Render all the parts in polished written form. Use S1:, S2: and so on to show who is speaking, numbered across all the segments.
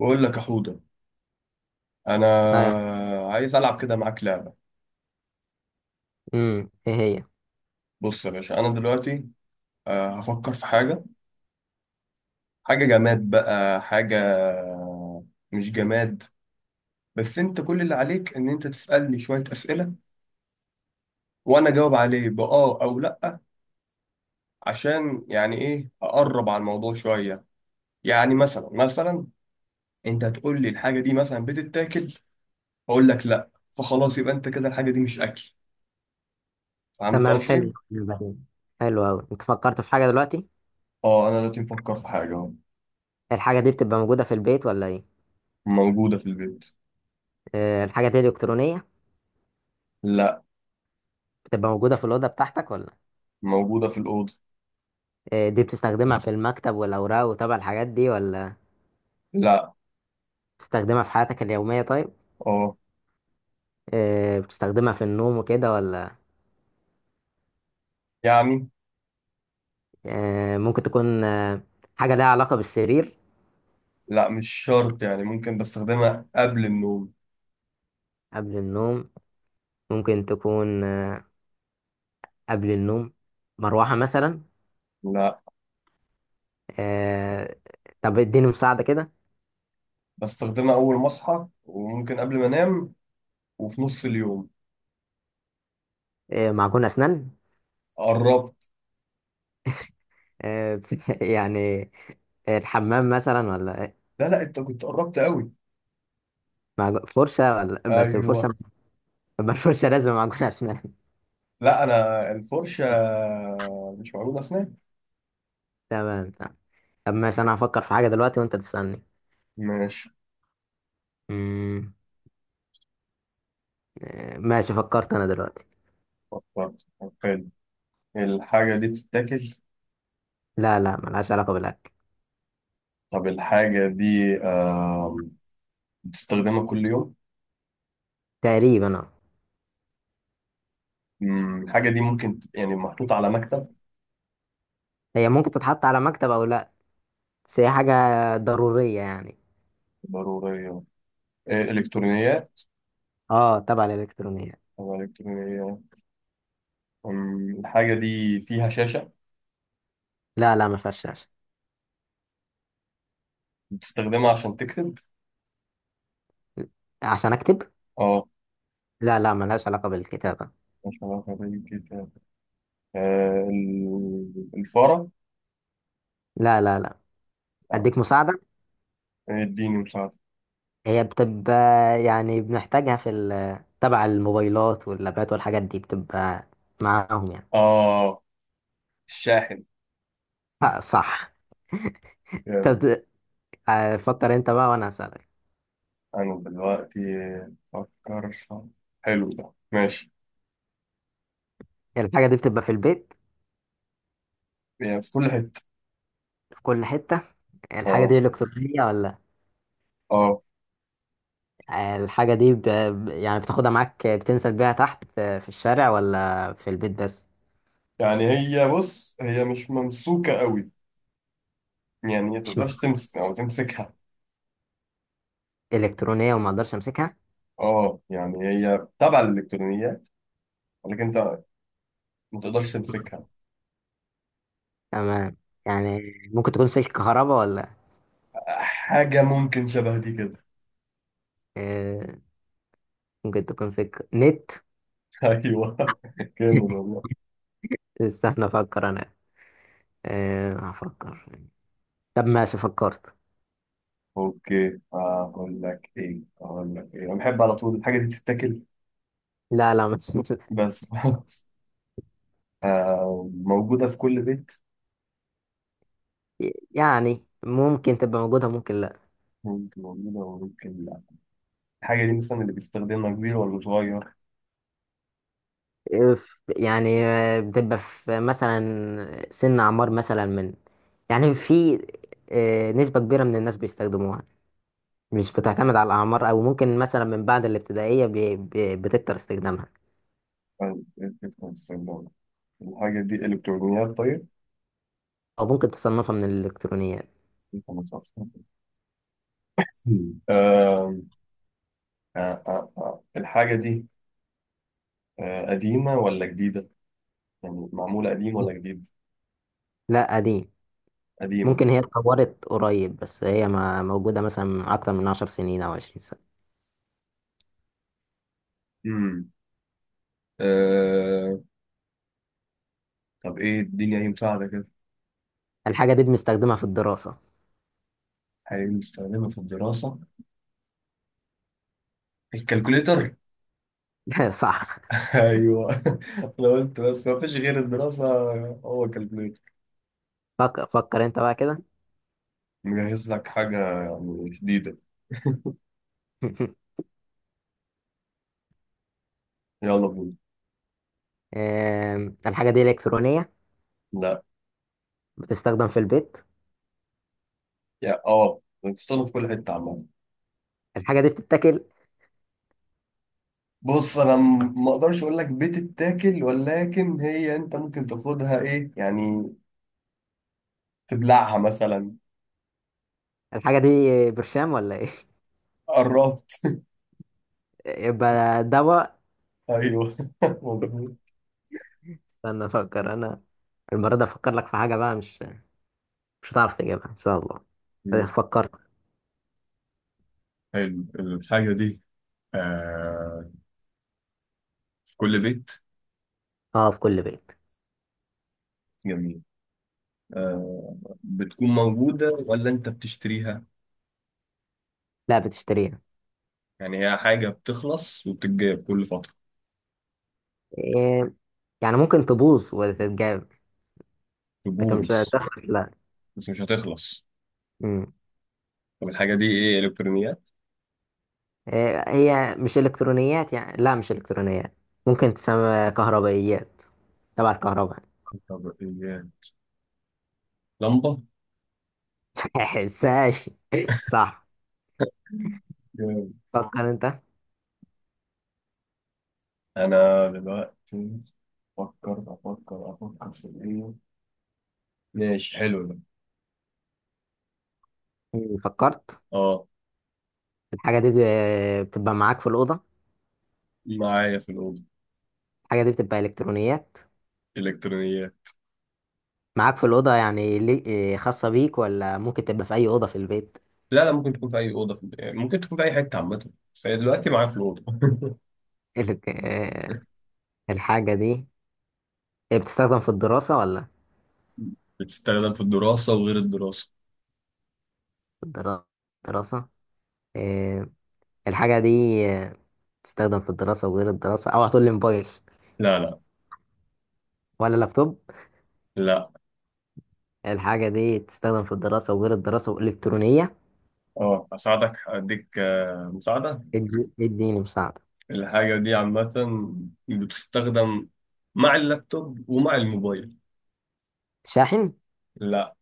S1: بقول لك يا حوده، انا
S2: ايوه.
S1: عايز العب كده معاك لعبه.
S2: امم، ايه هي؟
S1: بص يا باشا، انا دلوقتي هفكر في حاجه. حاجه جماد بقى، حاجه مش جماد. بس انت كل اللي عليك ان انت تسالني شويه اسئله وانا اجاوب عليه باه او لا، عشان يعني ايه اقرب على الموضوع شويه. يعني مثلا مثلا، انت هتقول لي الحاجه دي مثلا بتتاكل، اقول لك لا، فخلاص يبقى انت كده الحاجه دي مش اكل. فهمت
S2: تمام، حلو.
S1: قصدي؟
S2: بعدين حلو قوي. انت فكرت في حاجه دلوقتي؟
S1: اه، انا دلوقتي مفكر في حاجه أهو.
S2: الحاجه دي بتبقى موجوده في البيت ولا ايه؟
S1: موجوده في البيت.
S2: الحاجه دي الكترونيه؟
S1: لا.
S2: بتبقى موجوده في الاوضه بتاعتك ولا؟
S1: موجودة في الأوضة.
S2: دي بتستخدمها في المكتب والاوراق وتبع الحاجات دي ولا؟
S1: لا.
S2: بتستخدمها في حياتك اليوميه؟ طيب،
S1: اه.
S2: بتستخدمها في النوم وكده ولا؟
S1: يعني.
S2: ممكن تكون حاجه لها علاقه بالسرير؟
S1: لا، مش شرط، يعني ممكن بستخدمها قبل النوم.
S2: قبل النوم ممكن تكون قبل النوم. مروحه مثلا؟
S1: لا.
S2: آه، طب اديني مساعده كده.
S1: بستخدمها أول ما أصحى وممكن قبل ما أنام وفي نص اليوم.
S2: معجون اسنان؟
S1: قربت.
S2: يعني الحمام مثلا ولا إيه؟
S1: لا لا، أنت كنت قربت قوي.
S2: فرشة؟ ولا بس الفرشة؟
S1: أيوه.
S2: ما الفرشة لازم معجون أسنان.
S1: لا، أنا الفرشة مش موجودة أسنان.
S2: تمام. طب ماشي، أنا هفكر في حاجة دلوقتي وأنت تسألني.
S1: ماشي.
S2: أمم، ماشي، فكرت أنا دلوقتي.
S1: فكرت؟ طب حلو. الحاجة دي بتتاكل؟
S2: لا لا، ملهاش علاقة بالأكل.
S1: طب الحاجة دي بتستخدمها كل يوم؟
S2: تقريبا أه.
S1: الحاجة دي ممكن تبقى يعني محطوطة على مكتب.
S2: هي ممكن تتحط على مكتب أو لا، بس هي حاجة ضرورية يعني.
S1: ضرورية. إيه، إلكترونيات.
S2: أه تبع الإلكترونية.
S1: طبعاً الكترونية. الحاجة دي فيها شاشة.
S2: لا لا، ما فيهاش شاشة.
S1: بتستخدمها عشان تكتب؟
S2: عشان أكتب؟
S1: اه.
S2: لا لا، ملهاش علاقة بالكتابة.
S1: مش علاقة بالكتاب. الفارة.
S2: لا لا لا.
S1: لا.
S2: أديك مساعدة.
S1: اديني مساعدة.
S2: هي بتبقى يعني بنحتاجها في تبع الموبايلات واللابات والحاجات دي، بتبقى معاهم يعني.
S1: اه، الشاحن.
S2: صح.
S1: جامد.
S2: طب فكر انت بقى وانا هسألك.
S1: أنا دلوقتي أفكر. حلو ده، ماشي.
S2: الحاجة دي بتبقى في البيت؟
S1: يعني في كل حتة.
S2: في كل حتة؟ الحاجة
S1: اه.
S2: دي إلكترونية ولا؟
S1: اه.
S2: الحاجة دي يعني بتاخدها معاك؟ بتنزل بيها تحت؟ في الشارع ولا في البيت بس؟
S1: يعني هي، بص هي مش ممسوكة قوي. يعني هي
S2: مش م-
S1: تقدرش تمسك أو تمسكها.
S2: إلكترونية وما أقدرش أمسكها؟
S1: اه يعني هي تبع الإلكترونيات، ولكن أنت ما تقدرش تمسكها.
S2: تمام. يعني ممكن تكون سلك كهرباء ولا؟
S1: حاجة ممكن شبه دي كده.
S2: آه، ممكن تكون سلك نت؟
S1: ايوه. جامد والله.
S2: استنى أفكر أنا. أه هفكر. طب ماشي، فكرت.
S1: اوكي، اقول لك ايه انا بحب على طول، الحاجة دي بتتاكل.
S2: لا لا،
S1: بس خلاص. موجودة في كل بيت.
S2: يعني ممكن تبقى موجودة ممكن لا.
S1: ممكن موجودة وممكن لا. الحاجة دي مثلا اللي بيستخدمها كبير ولا صغير؟
S2: يعني بتبقى في مثلا سن أعمار مثلا من، يعني في نسبة كبيرة من الناس بيستخدموها. مش بتعتمد على الأعمار، أو ممكن مثلا من بعد الابتدائية بتكتر استخدامها.
S1: آه، إيه الفكرة في السيارة؟ الحاجة دي إلكترونيات طيب؟
S2: أو ممكن تصنفها من الإلكترونيات.
S1: أنت ما تعرفش. مم. آه، الحاجة دي قديمة ولا جديدة؟ يعني معمولة قديم ولا جديد؟
S2: لا، قديم.
S1: قديمة.
S2: ممكن هي اتطورت قريب، بس هي ما موجودة مثلا من أكتر من 10 سنين أو 20 سنة.
S1: مم. آه... طب ايه الدنيا، اي مساعدة كده.
S2: الحاجة دي بنستخدمها في الدراسة.
S1: حاجة بنستخدمها في الدراسة. الكالكوليتر.
S2: صح.
S1: ايوه. انا قلت بس ما فيش غير الدراسة، هو الكالكوليتر.
S2: فكر فكر انت بقى كده.
S1: مجهز لك حاجة يعني جديدة. يلا بينا.
S2: الحاجة دي إلكترونية؟
S1: لا.
S2: بتستخدم في البيت؟
S1: يا اه بتستخدم في كل حتة عامة.
S2: الحاجة دي بتتاكل؟
S1: بص انا ما اقدرش اقول لك بتتاكل، ولكن هي انت ممكن تاخدها ايه يعني، تبلعها مثلا.
S2: الحاجة دي برشام ولا ايه؟
S1: قربت.
S2: يبقى دواء.
S1: ايوه مظبوط.
S2: استنى افكر انا. المرة دي افكر لك في حاجة بقى، مش هتعرف تجيبها ان شاء الله.
S1: مم.
S2: فكرت.
S1: حلو الحاجة دي. آه. في كل بيت.
S2: اه في كل بيت.
S1: جميل. آه. بتكون موجودة ولا أنت بتشتريها؟
S2: لا بتشتريها.
S1: يعني هي حاجة بتخلص وبتتجاب كل فترة.
S2: إيه يعني ممكن تبوظ وتتجاب، لكن مش
S1: تبوظ.
S2: هتخلص لا.
S1: بس مش هتخلص.
S2: مم.
S1: طب الحاجة دي إيه، إلكترونيات؟
S2: إيه، هي مش إلكترونيات يعني، لا مش إلكترونيات. ممكن تسمى كهربائيات، تبع الكهرباء.
S1: طب إيه، لمبة؟
S2: حساش. صح.
S1: جامد.
S2: فكر انت.
S1: أنا دلوقتي أفكر في إيه؟ ماشي، حلو ده.
S2: فكرت.
S1: أه.
S2: الحاجة دي بتبقى معاك في الأوضة.
S1: معايا في الأوضة.
S2: الحاجة دي بتبقى إلكترونيات.
S1: إلكترونيات.
S2: معاك في الأوضة يعني خاصة بيك، ولا ممكن تبقى في أي أوضة في البيت؟
S1: لا لا، ممكن تكون في أي أوضة في... يعني ممكن تكون في أي حتة عامة، بس هي دلوقتي معايا في الأوضة.
S2: ال- آه، الحاجة دي بتستخدم في الدراسة ولا؟
S1: بتستخدم في الدراسة وغير الدراسة.
S2: في الدرا- الدراسة. آه، الحاجة دي آه، بتستخدم في الدراسة وغير الدراسة؟ أو هتقول لي موبايل
S1: لا لا
S2: ولا لابتوب؟
S1: لا.
S2: الحاجة دي بتستخدم في الدراسة وغير الدراسة وإلكترونية.
S1: اه اساعدك، اديك مساعده.
S2: اديني مساعدة.
S1: الحاجه دي عامه، بتستخدم مع اللابتوب ومع الموبايل.
S2: شاحن؟
S1: لا.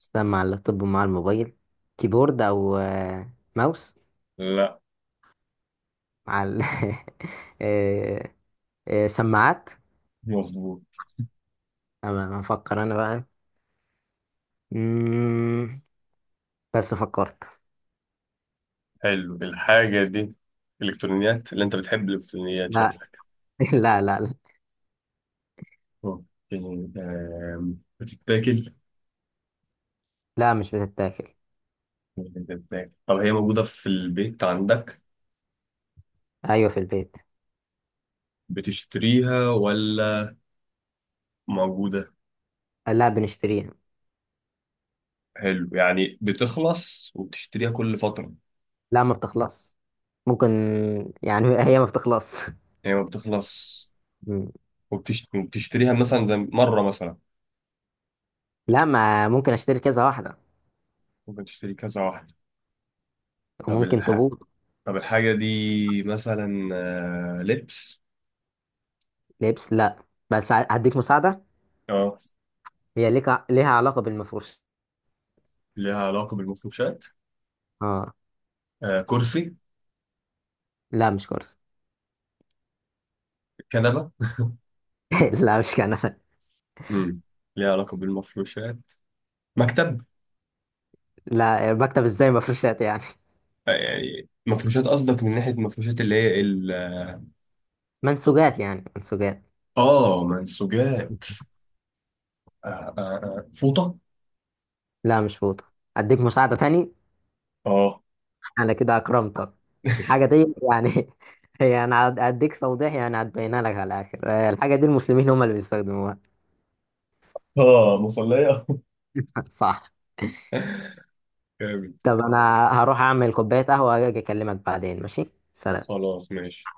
S2: تشتغل مع اللابتوب ومع الموبايل. كيبورد او ماوس؟
S1: لا.
S2: مع آه، سماعات.
S1: مظبوط.
S2: انا هفكر انا بقى. مم، بس فكرت.
S1: حلو الحاجه دي الكترونيات، اللي انت بتحب الالكترونيات
S2: لا
S1: شكلك.
S2: لا.
S1: اوكي. بتتاكل.
S2: لا، مش بتتاكل.
S1: بتتاكل؟ طب هي موجوده في البيت عندك.
S2: ايوه في البيت.
S1: بتشتريها ولا موجوده؟
S2: لا بنشتريها.
S1: حلو، يعني بتخلص وبتشتريها كل فتره يعني.
S2: لا ما بتخلص. ممكن يعني هي ما بتخلص.
S1: هي ما بتخلص.
S2: مم.
S1: وبتشتريها مثلا زي مره مثلا.
S2: لا ما، ممكن اشتري كذا واحده،
S1: ممكن تشتري كذا واحدة. طب
S2: وممكن
S1: الح...
S2: تبوظ.
S1: طب الحاجة دي مثلا لبس.
S2: لبس لا، بس هديك مساعده.
S1: اه.
S2: هي ليك، ليها علاقه بالمفروش.
S1: ليها علاقة بالمفروشات.
S2: اه.
S1: كرسي.
S2: لا مش كرسي.
S1: كنبة.
S2: لا مش كان.
S1: امم ليها علاقة بالمفروشات. مكتب.
S2: لا بكتب ازاي مفروشات يعني.
S1: يعني مفروشات قصدك من ناحية المفروشات اللي هي ال.
S2: منسوجات، يعني منسوجات.
S1: اه منسوجات. آه، فوطة.
S2: لا مش فوطة. اديك مساعدة تاني.
S1: اه.
S2: انا كده اكرمتك. الحاجة دي يعني هي انا هديك توضيح، يعني هتبينها لك على الاخر. الحاجة دي المسلمين هم اللي بيستخدموها.
S1: اه مصلية.
S2: صح.
S1: جامد.
S2: طب انا هروح اعمل كوباية قهوة واجي اكلمك بعدين، ماشي؟ سلام.
S1: خلاص ماشي.